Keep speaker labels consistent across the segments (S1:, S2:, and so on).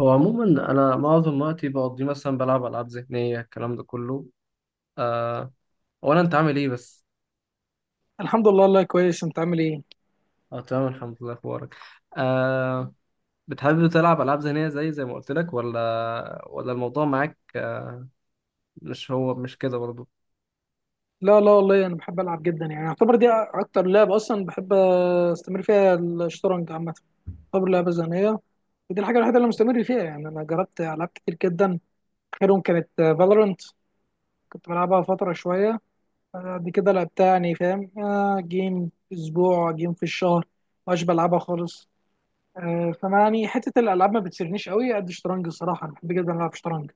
S1: هو عموما انا معظم وقتي بقضيه، مثلا بلعب العاب ذهنيه الكلام ده كله. آه. ولا انت عامل ايه بس؟
S2: الحمد لله، والله كويس. انت عامل ايه؟
S1: اه، تمام الحمد لله، اخبارك؟ آه. بتحب تلعب العاب ذهنيه زي ما قلت لك، ولا ولا الموضوع معاك؟ آه، مش كده برضه؟
S2: لا، لا، والله انا بحب العب جدا، يعني اعتبر دي اكتر لعبه اصلا بحب استمر فيها، الشطرنج عامه. اعتبر لعبه ذهنيه، ودي الحاجه الوحيده اللي مستمر فيها، يعني انا جربت العاب كتير جدا، اخرهم كانت فالورنت. كنت بلعبها فتره شويه، بعد كده لعبتها يعني فاهم، جيم في اسبوع، جيم في الشهر. مش بلعبها خالص. فما يعني حته الالعاب ما بتسرنيش قوي قد الشطرنج، الصراحه انا بحب جدا العب شطرنج.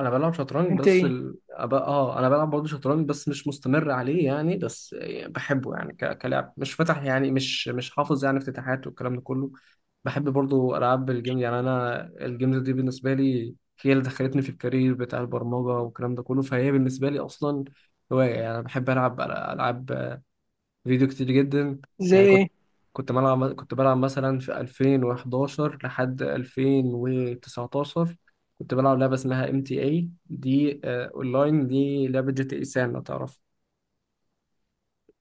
S1: انا بلعب شطرنج
S2: انت
S1: بس
S2: ايه؟
S1: ال... أب... اه انا بلعب برضه شطرنج بس مش مستمر عليه يعني بس. بحبه يعني كلاعب، مش فتح يعني مش حافظ يعني افتتاحات والكلام ده كله. بحب برضه العاب الجيم، يعني انا الجيمز دي بالنسبه لي هي اللي دخلتني في الكارير بتاع البرمجه والكلام ده كله، فهي بالنسبه لي اصلا هوايه يعني. انا بحب العب العاب فيديو كتير جدا.
S2: زي
S1: يعني كنت
S2: ايه؟
S1: كنت بلعب كنت بلعب مثلا في 2011 لحد 2019. كنت بلعب لعبة اسمها MTA دي، آه اونلاين، دي لعبة GTA سان لو تعرف.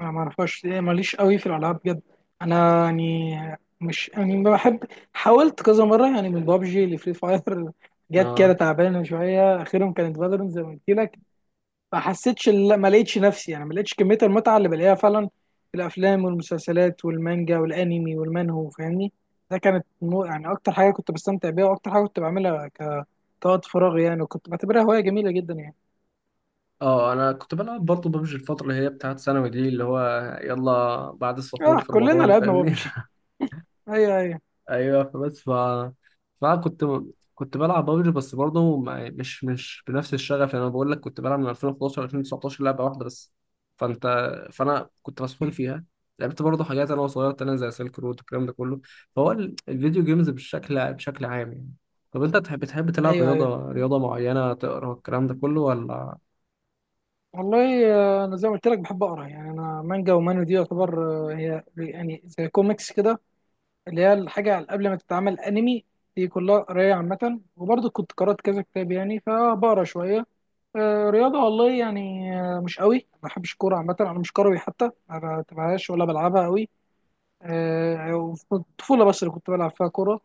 S2: انا ما اعرفهاش إيه، ماليش قوي في الالعاب بجد. انا يعني مش يعني ما بحب، حاولت كذا مره يعني من بابجي لفري فاير جت كده
S1: اه
S2: تعبانه شويه، اخرهم كانت فالورنت زي ما قلت لك. ما حسيتش، لا، ما لقيتش نفسي، يعني ما لقيتش كميه المتعه اللي بلاقيها فعلا في الافلام والمسلسلات والمانجا والانمي والمانهو، فاهمني. ده كانت يعني اكتر حاجه كنت بستمتع بيها، واكتر حاجه كنت بعملها كوقت فراغي يعني، وكنت بعتبرها هوايه جميله جدا يعني.
S1: اه انا كنت بلعب برضه ببجي الفترة اللي هي بتاعت ثانوي دي، اللي هو يلا بعد السحور
S2: اه،
S1: في
S2: كلنا
S1: رمضان
S2: لعبنا
S1: فاهمني
S2: بابجي. ايوه، ايوه،
S1: ايوه فبس، فانا كنت بلعب بابجي بس برضه مش بنفس الشغف. يعني انا بقول لك كنت بلعب من 2011 ل 2019 لعبه واحده بس. فانت فانا كنت مسحول فيها. لعبت برضه حاجات انا وصغير تانية زي سيلك رود والكلام ده كله، فهو الفيديو جيمز بشكل عام يعني. طب انت تحب تلعب
S2: ايوه، ايوه.
S1: رياضه معينه، تقرا الكلام ده كله ولا؟
S2: والله انا زي ما قلت لك بحب اقرا، يعني انا مانجا ومانو دي يعتبر، هي يعني زي كوميكس كده، اللي هي الحاجه قبل ما تتعمل انمي. دي كلها قرايه عامه، وبرضه كنت قرات كذا كتاب يعني فبقرا شويه. رياضه والله يعني، مش قوي، ما بحبش كوره عامه، انا مش كروي، حتى ما بتابعهاش ولا بلعبها قوي. وفي الطفولة بس اللي كنت بلعب فيها كورة.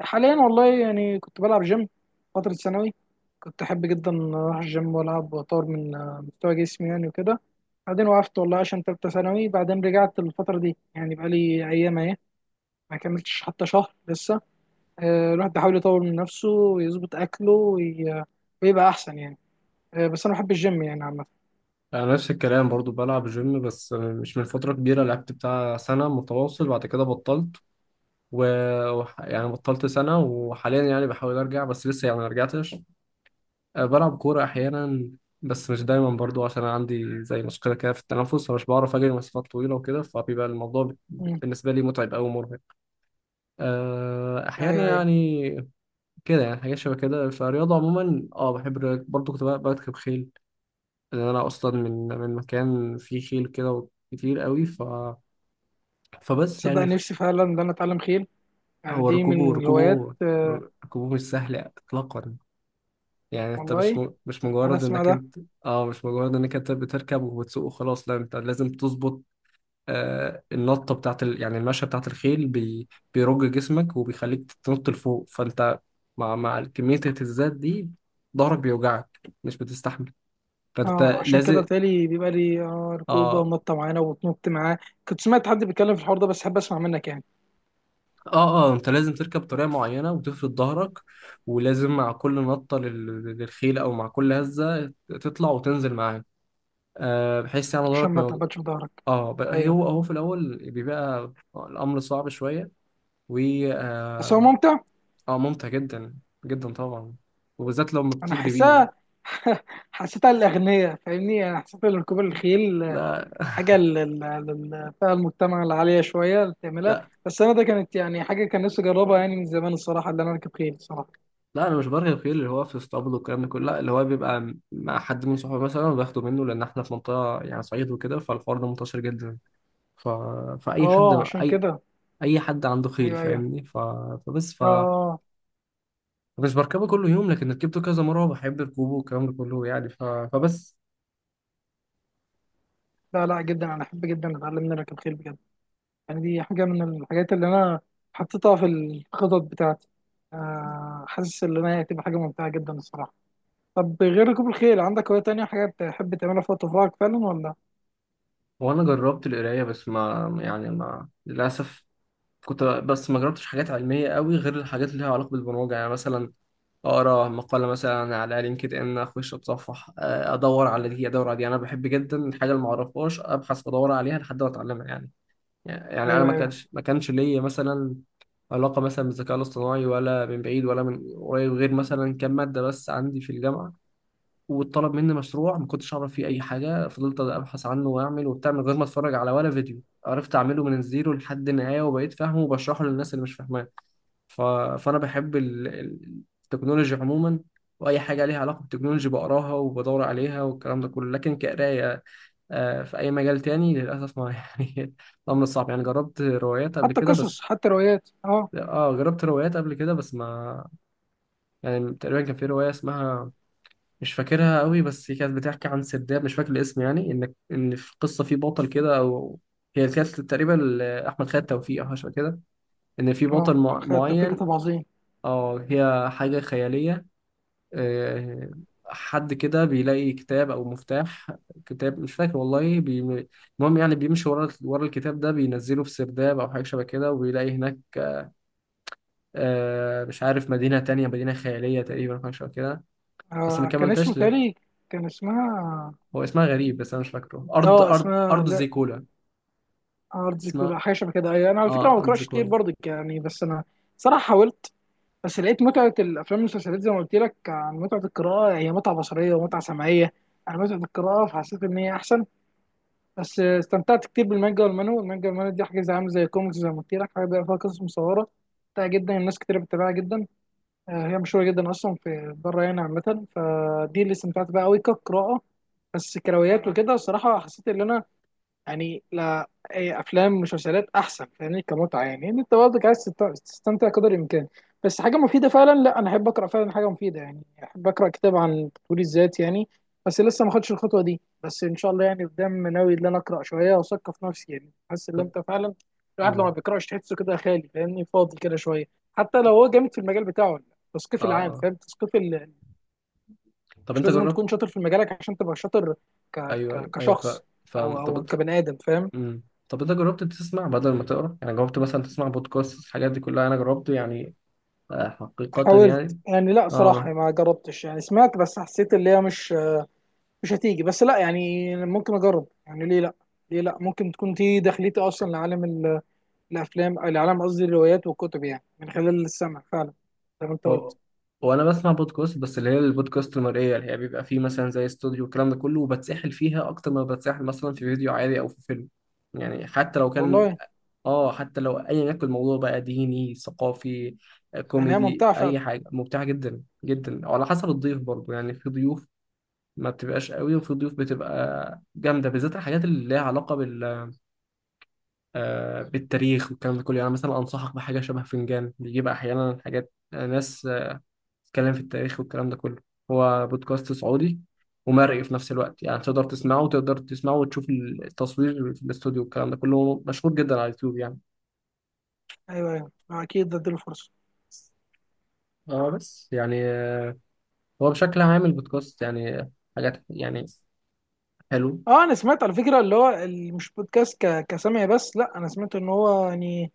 S2: حاليا والله يعني، كنت بلعب جيم فترة ثانوي. كنت أحب جدا أروح الجيم وألعب وأطور من مستوى جسمي يعني وكده. بعدين وقفت والله عشان تالتة ثانوي، بعدين رجعت الفترة دي يعني، بقالي أيام أهي، ما كملتش حتى شهر لسه. الواحد بيحاول يطور من نفسه ويظبط أكله ويبقى أحسن يعني. بس أنا بحب الجيم يعني عامة.
S1: انا نفس الكلام، برضو بلعب جيم بس مش من فتره كبيره، لعبت بتاع سنه متواصل بعد كده بطلت. و يعني بطلت سنة وحاليا يعني بحاول أرجع بس لسه يعني ما رجعتش. أه، بلعب كورة أحيانا بس مش دايما، برضو عشان أنا عندي زي مشكلة كده في التنفس فمش بعرف أجري مسافات طويلة وكده، فبيبقى الموضوع
S2: مم.
S1: بالنسبة لي متعب أوي ومرهق. أه، أحيانا
S2: أيوه، أيوه.
S1: يعني، كده يعني حاجات شبه كده، فالرياضة عموما اه بحب الرياضة. برضو كنت بركب خيل، لأن أنا أصلا من مكان فيه خيل كده كتير قوي. فبس
S2: صدق
S1: يعني.
S2: نفسي فعلا إن أنا أتعلم خيل، يعني
S1: هو
S2: دي
S1: ركوبه
S2: من الهوايات.
S1: ركوبه ركوبه مش سهل إطلاقا. يعني انت
S2: والله
S1: مش
S2: انا
S1: مجرد
S2: اسمع
S1: انك
S2: ده.
S1: انت، اه مش مجرد انك انت بتركب وبتسوق وخلاص. لا، انت لازم تظبط آه النطه بتاعت يعني المشيه بتاعت الخيل، بيرج جسمك وبيخليك تنط لفوق. فانت مع كميه الاهتزازات دي ظهرك بيوجعك مش بتستحمل. فانت
S2: اه، عشان كده
S1: لازم.
S2: بتهيألي بيبقى لي ركوبه
S1: اه
S2: ونطه معانا وتنط معاه. كنت سمعت حد بيتكلم في الحوار ده بس حابب اسمع منك يعني.
S1: اه انت لازم تركب بطريقه معينه وتفرد ظهرك، ولازم مع كل نطه للخيل، او مع كل هزه تطلع وتنزل معاه آه، بحيث يعني
S2: عشان
S1: ظهرك
S2: ما
S1: ما.
S2: تهبطش في ظهرك. ايوه،
S1: هو في الاول بيبقى الامر صعب شويه. و
S2: بس هو
S1: اه
S2: ممتع.
S1: آه، ممتع جدا، جدا طبعا، وبالذات لما
S2: انا
S1: بتجري
S2: حاساه.
S1: بيه.
S2: حسيتها للاغنياء فاهمني، انا حسيت ان ركوب الخيل
S1: لا،
S2: حاجه للفئه المجتمع العاليه شويه اللي بتعملها.
S1: لا،
S2: بس انا ده كانت يعني حاجه كان نفسي اجربها يعني من زمان، الصراحه اللي انا اركب خيل الصراحه.
S1: لا، انا مش برغي الخيل اللي هو في اسطبل والكلام ده كله. لا، اللي هو بيبقى مع حد من صحابه مثلا وباخده منه، لان احنا في منطقه يعني صعيد وكده، فالحوار ده منتشر جدا. ف... فاي حد
S2: اه، عشان
S1: اي
S2: كده.
S1: اي حد عنده خيل
S2: ايوه، ايوه.
S1: فاهمني. فبس.
S2: اه، آه.
S1: فمش بركبه كل يوم لكن ركبته كذا مره، وبحب ركوبه والكلام ده كله يعني. فبس.
S2: لا، لا، جدا انا احب جدا اتعلم ان أنا اركب خيل بجد، يعني دي حاجة من الحاجات اللي أنا حطيتها في الخطط بتاعتي. حاسس إن أنا هتبقى حاجة ممتعة جدا الصراحة. طب غير ركوب الخيل، عندك هواية تانية حاجة بتحب تعملها في وقت فراغك فعلا ولا؟
S1: وانا جربت القرايه، بس ما يعني ما للاسف كنت، بس ما جربتش حاجات علميه قوي غير الحاجات اللي ليها علاقه بالبرمجه. يعني مثلا اقرا مقاله مثلا على LinkedIn، اخش اتصفح آه، ادور على دي، ادور على دي، انا بحب جدا الحاجه اللي ما اعرفهاش ابحث وادور عليها لحد ما اتعلمها يعني. يعني انا
S2: أيوه،
S1: ما
S2: أيوه.
S1: كانش ما كانش ليا مثلا علاقه مثلا بالذكاء الاصطناعي ولا من بعيد ولا من قريب، غير مثلا كام ماده بس عندي في الجامعه، واتطلب مني مشروع ما كنتش اعرف فيه اي حاجه، فضلت ابحث عنه واعمل وبتاع من غير ما اتفرج على ولا فيديو، عرفت اعمله من الزيرو لحد النهايه، وبقيت فاهمه وبشرحه للناس اللي مش فاهماه. ف... فانا بحب التكنولوجي عموما، واي حاجه ليها علاقه بالتكنولوجي بقراها وبدور عليها والكلام ده كله، لكن كقرايه آه، في اي مجال تاني للاسف ما يعني الامر صعب يعني. جربت روايات قبل
S2: حتى
S1: كده
S2: قصص،
S1: بس،
S2: حتى روايات، أه.
S1: اه جربت روايات قبل كده بس ما. يعني تقريبا كان في روايه اسمها، مش فاكرها قوي، بس هي كانت بتحكي عن سرداب، مش فاكر الاسم، يعني ان في قصه، في بطل كده او، هي كانت تقريبا لاحمد خالد توفيق او حاجه شبه كده، ان في
S2: أه،
S1: بطل
S2: أخي التوفيق
S1: معين.
S2: كتاب عظيم.
S1: اه، هي حاجه خياليه آه، حد كده بيلاقي كتاب او مفتاح، كتاب مش فاكر والله المهم يعني بيمشي ورا ورا الكتاب ده، بينزله في سرداب او حاجه شبه كده، وبيلاقي هناك آه، مش عارف، مدينه تانية، مدينه خياليه تقريبا أو حاجه شبه كده، بس ما
S2: كان اسمه
S1: كملتهاش.
S2: تالي. كان اسمها،
S1: هو اسمها غريب بس انا مش فاكره، ارض
S2: أه
S1: ارض
S2: اسمها
S1: ارض
S2: لا،
S1: زيكولا.
S2: أرض
S1: اسمها
S2: كلها حاجة شبه كده. أيوه، أنا على فكرة ما
S1: اه، ارض
S2: بقراش كتير
S1: زيكولا.
S2: برضك يعني، بس أنا صراحة حاولت، بس لقيت متعة الأفلام والمسلسلات زي ما قلت لك عن متعة القراءة، هي متعة بصرية ومتعة سمعية عن متعة القراءة، فحسيت إن هي أحسن. بس استمتعت كتير بالمانجا والمانو، المانجا والمانو دي حاجة زي عاملة زي كوميكس زي ما قلت لك، حاجة بيبقى فيها قصص مصورة ممتعة جدا، الناس كتير بتتابعها جدا. هي مشهورة جدا أصلا في بره يعني عامة. فدي اللي استمتعت بيها أوي كقراءة. بس كرويات وكده الصراحة حسيت إن أنا يعني، لا إيه، افلام ومسلسلات احسن فاهمني كمتعه، يعني ان انت برضك عايز تستمتع قدر الامكان، بس حاجه مفيده فعلا. لا، انا احب اقرا فعلا حاجه مفيده يعني، احب اقرا كتاب عن تطوير الذات يعني، بس لسه ما خدتش الخطوه دي. بس ان شاء الله يعني قدام ناوي ان انا اقرا شويه واثقف نفسي، يعني حاسس ان
S1: طب.
S2: انت فعلا، الواحد لما
S1: مم.
S2: بيقراش تحسه كده خالي فاهمني، فاضي كده شويه، حتى لو
S1: طب-
S2: هو جامد في المجال بتاعه ولا لا. التثقيف
S1: اه
S2: العام،
S1: آه.
S2: فاهم، تثقيف
S1: طب
S2: مش
S1: انت
S2: لازم
S1: جربت.
S2: تكون شاطر في مجالك عشان تبقى شاطر، ك...
S1: ايوه، ايوه، ايوه.
S2: كشخص،
S1: فاهم.
S2: او
S1: طب
S2: او
S1: انت.
S2: كبني ادم، فاهم.
S1: مم. طب انت جربت تسمع بدل ما تقرا يعني، جربت مثلا تسمع بودكاست الحاجات دي كلها؟ انا جربت يعني آه، حقيقة
S2: حاولت
S1: يعني.
S2: يعني، لا صراحة
S1: اه،
S2: ما جربتش، يعني سمعت بس حسيت اللي هي مش هتيجي، بس لا يعني ممكن اجرب، يعني ليه لا، ليه لا، ممكن تكون دي دخلتي اصلا لعالم الافلام، لعالم قصدي الروايات والكتب، يعني من خلال السمع فعلا زي ما انت
S1: هو
S2: قلت.
S1: وانا بسمع بودكاست بس اللي هي البودكاست المرئية، اللي هي بيبقى فيه مثلا زي استوديو والكلام ده كله، وبتسحل فيها اكتر ما بتسحل مثلا في فيديو عادي او في فيلم. يعني
S2: والله
S1: حتى لو ايا يكن الموضوع بقى ديني، ثقافي، آه
S2: يعني هي
S1: كوميدي،
S2: ممتعة
S1: اي
S2: فعلا.
S1: حاجه ممتعه جدا جدا، وعلى حسب الضيف برضو يعني. في ضيوف ما بتبقاش قوي، وفي ضيوف بتبقى جامده، بالذات الحاجات اللي ليها علاقه بالتاريخ والكلام ده كله. يعني مثلا انصحك بحاجه شبه فنجان، بيجيب احيانا حاجات آه، ناس آه، بتتكلم في التاريخ والكلام ده كله. هو بودكاست سعودي، ومرئي في نفس الوقت، يعني تقدر تسمعه، وتقدر تسمعه وتشوف التصوير في الاستوديو والكلام ده كله، مشهور جدا على اليوتيوب يعني.
S2: ايوه، ايوه، اكيد ده اديله فرصة.
S1: اه، بس يعني هو بشكل عام البودكاست يعني حاجات يعني حلو.
S2: اه، انا سمعت على فكرة اللي هو مش بودكاست كسامع، بس لا انا سمعت ان هو يعني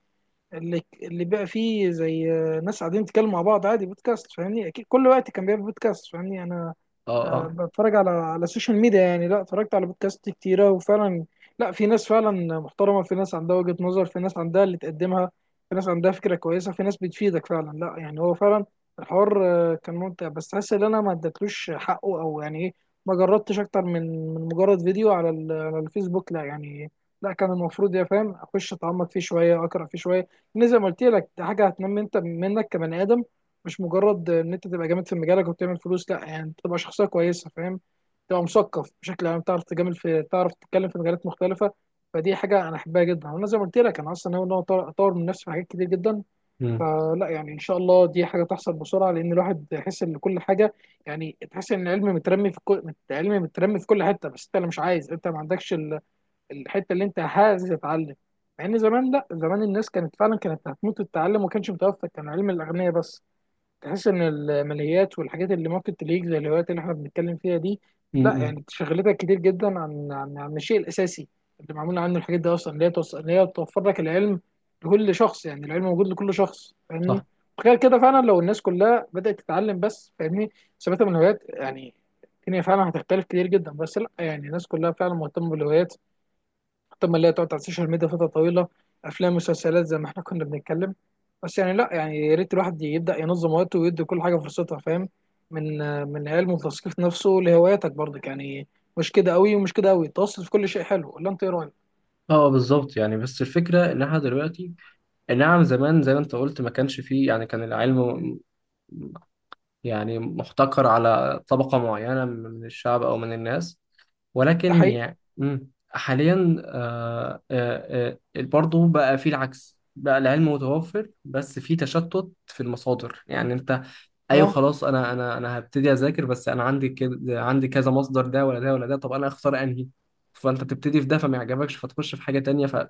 S2: اللي بقى فيه زي ناس قاعدين يتكلموا مع بعض عادي بودكاست فاهمني، اكيد كل وقت كان بيعمل بودكاست فاهمني. انا
S1: اه، اه،
S2: بتفرج على السوشيال ميديا يعني، لا اتفرجت على بودكاست كتيرة وفعلا، لا، في ناس فعلا محترمة، في ناس عندها وجهة نظر، في ناس عندها اللي تقدمها، في ناس عندها فكرة كويسة، في ناس بتفيدك فعلا، لا يعني هو فعلا، الحوار كان ممتع. بس حاسس ان انا ما اديتلوش حقه، او يعني ايه، ما جربتش اكتر من مجرد فيديو على على الفيسبوك، لا يعني، لا كان المفروض يا فاهم اخش اتعمق فيه شوية، اقرا فيه شوية، إن زي ما قلت لك ده حاجة هتنمي انت منك كبني ادم، مش مجرد ان انت تبقى جامد في مجالك وبتعمل فلوس، لا يعني انت تبقى شخصيه كويسه، فاهم، تبقى مثقف بشكل عام، تعرف تجامل في، تعرف تتكلم في مجالات مختلفه. فدي حاجه انا احبها جدا، وانا زي ما قلت لك انا اصلا ناوي ان انا أطور من نفسي في حاجات كتير جدا.
S1: امم،
S2: فلا يعني ان شاء الله دي حاجه تحصل بسرعه، لان الواحد يحس ان كل حاجه، يعني تحس ان العلم مترمي في كل حته، بس انت اللي مش عايز، انت ما عندكش الحته اللي انت عايز تتعلم. مع ان زمان، لا زمان الناس كانت فعلا كانت هتموت التعلم، وما كانش متوفر، كان علم الاغنياء بس. تحس ان الماليات والحاجات اللي ممكن تليك زي الهوايات اللي احنا بنتكلم فيها دي، لا
S1: امم،
S2: يعني شغلتك كتير جدا عن الشيء الاساسي، اللي معمول عنه الحاجات دي اصلا، اللي هي توصل، اللي هي توفر لك العلم لكل شخص، يعني العلم موجود لكل شخص فاهمني.
S1: صح.
S2: تخيل كده فعلا لو الناس كلها بدأت تتعلم، بس فاهمني ثباتها من الهوايات يعني، الدنيا فعلا هتختلف كتير جدا. بس لا يعني الناس كلها فعلا مهتمة بالهوايات اكتر ما اللي هي تقعد على السوشيال ميديا فتره طويله، افلام ومسلسلات زي ما احنا كنا بنتكلم. بس يعني، لا يعني يا ريت الواحد يبدا ينظم وقته ويدي كل حاجه فرصتها، فاهم، من من علم وتثقيف نفسه لهواياتك برضك يعني. مش كده قوي، ومش كده قوي، تواصل في كل شيء حلو، ولا انت ايه رايك؟
S1: اه، آه بالظبط يعني، بس الفكره ان احنا دلوقتي. نعم، زمان زي ما انت قلت ما كانش فيه يعني، كان العلم م- يعني محتكر على طبقه معينه من الشعب او من الناس.
S2: ده
S1: ولكن
S2: حقيقي.
S1: يعني حاليا، برضه بقى فيه العكس، بقى العلم متوفر بس فيه تشتت في المصادر يعني. انت ايوه،
S2: اه.
S1: خلاص، انا هبتدي اذاكر، بس انا عندي كده، عندي كذا مصدر، ده ولا ده ولا ده، طب انا اختار انهي؟ فانت بتبتدي في ده فما يعجبكش فتخش في حاجه تانية،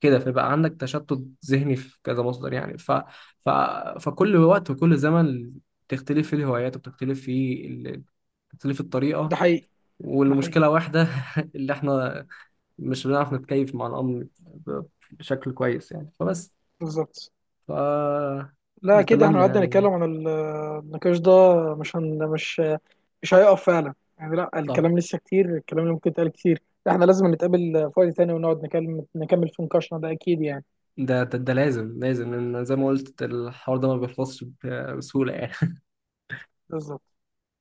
S1: كده فيبقى عندك تشتت ذهني في كذا مصدر يعني. ف... فكل وقت وكل زمن بتختلف فيه الهوايات، وبتختلف فيه بتختلف الطريقه،
S2: ده حقيقي. ده حقيقي.
S1: والمشكله واحده اللي احنا مش بنعرف نتكيف مع الامر بشكل كويس يعني فبس.
S2: بالظبط.
S1: ف
S2: لا كده احنا
S1: نتمنى
S2: قعدنا
S1: يعني.
S2: نتكلم عن النقاش ده، مش هن مش مش هيقف فعلا يعني، لا
S1: صح.
S2: الكلام لسه كتير، الكلام اللي ممكن يتقال كتير. احنا لازم نتقابل في وقت تاني ونقعد نكمل في نقاشنا ده اكيد يعني.
S1: ده لازم، لازم، لأن زي ما قلت الحوار ده ما بيخلصش بسهولة يعني.
S2: بالظبط.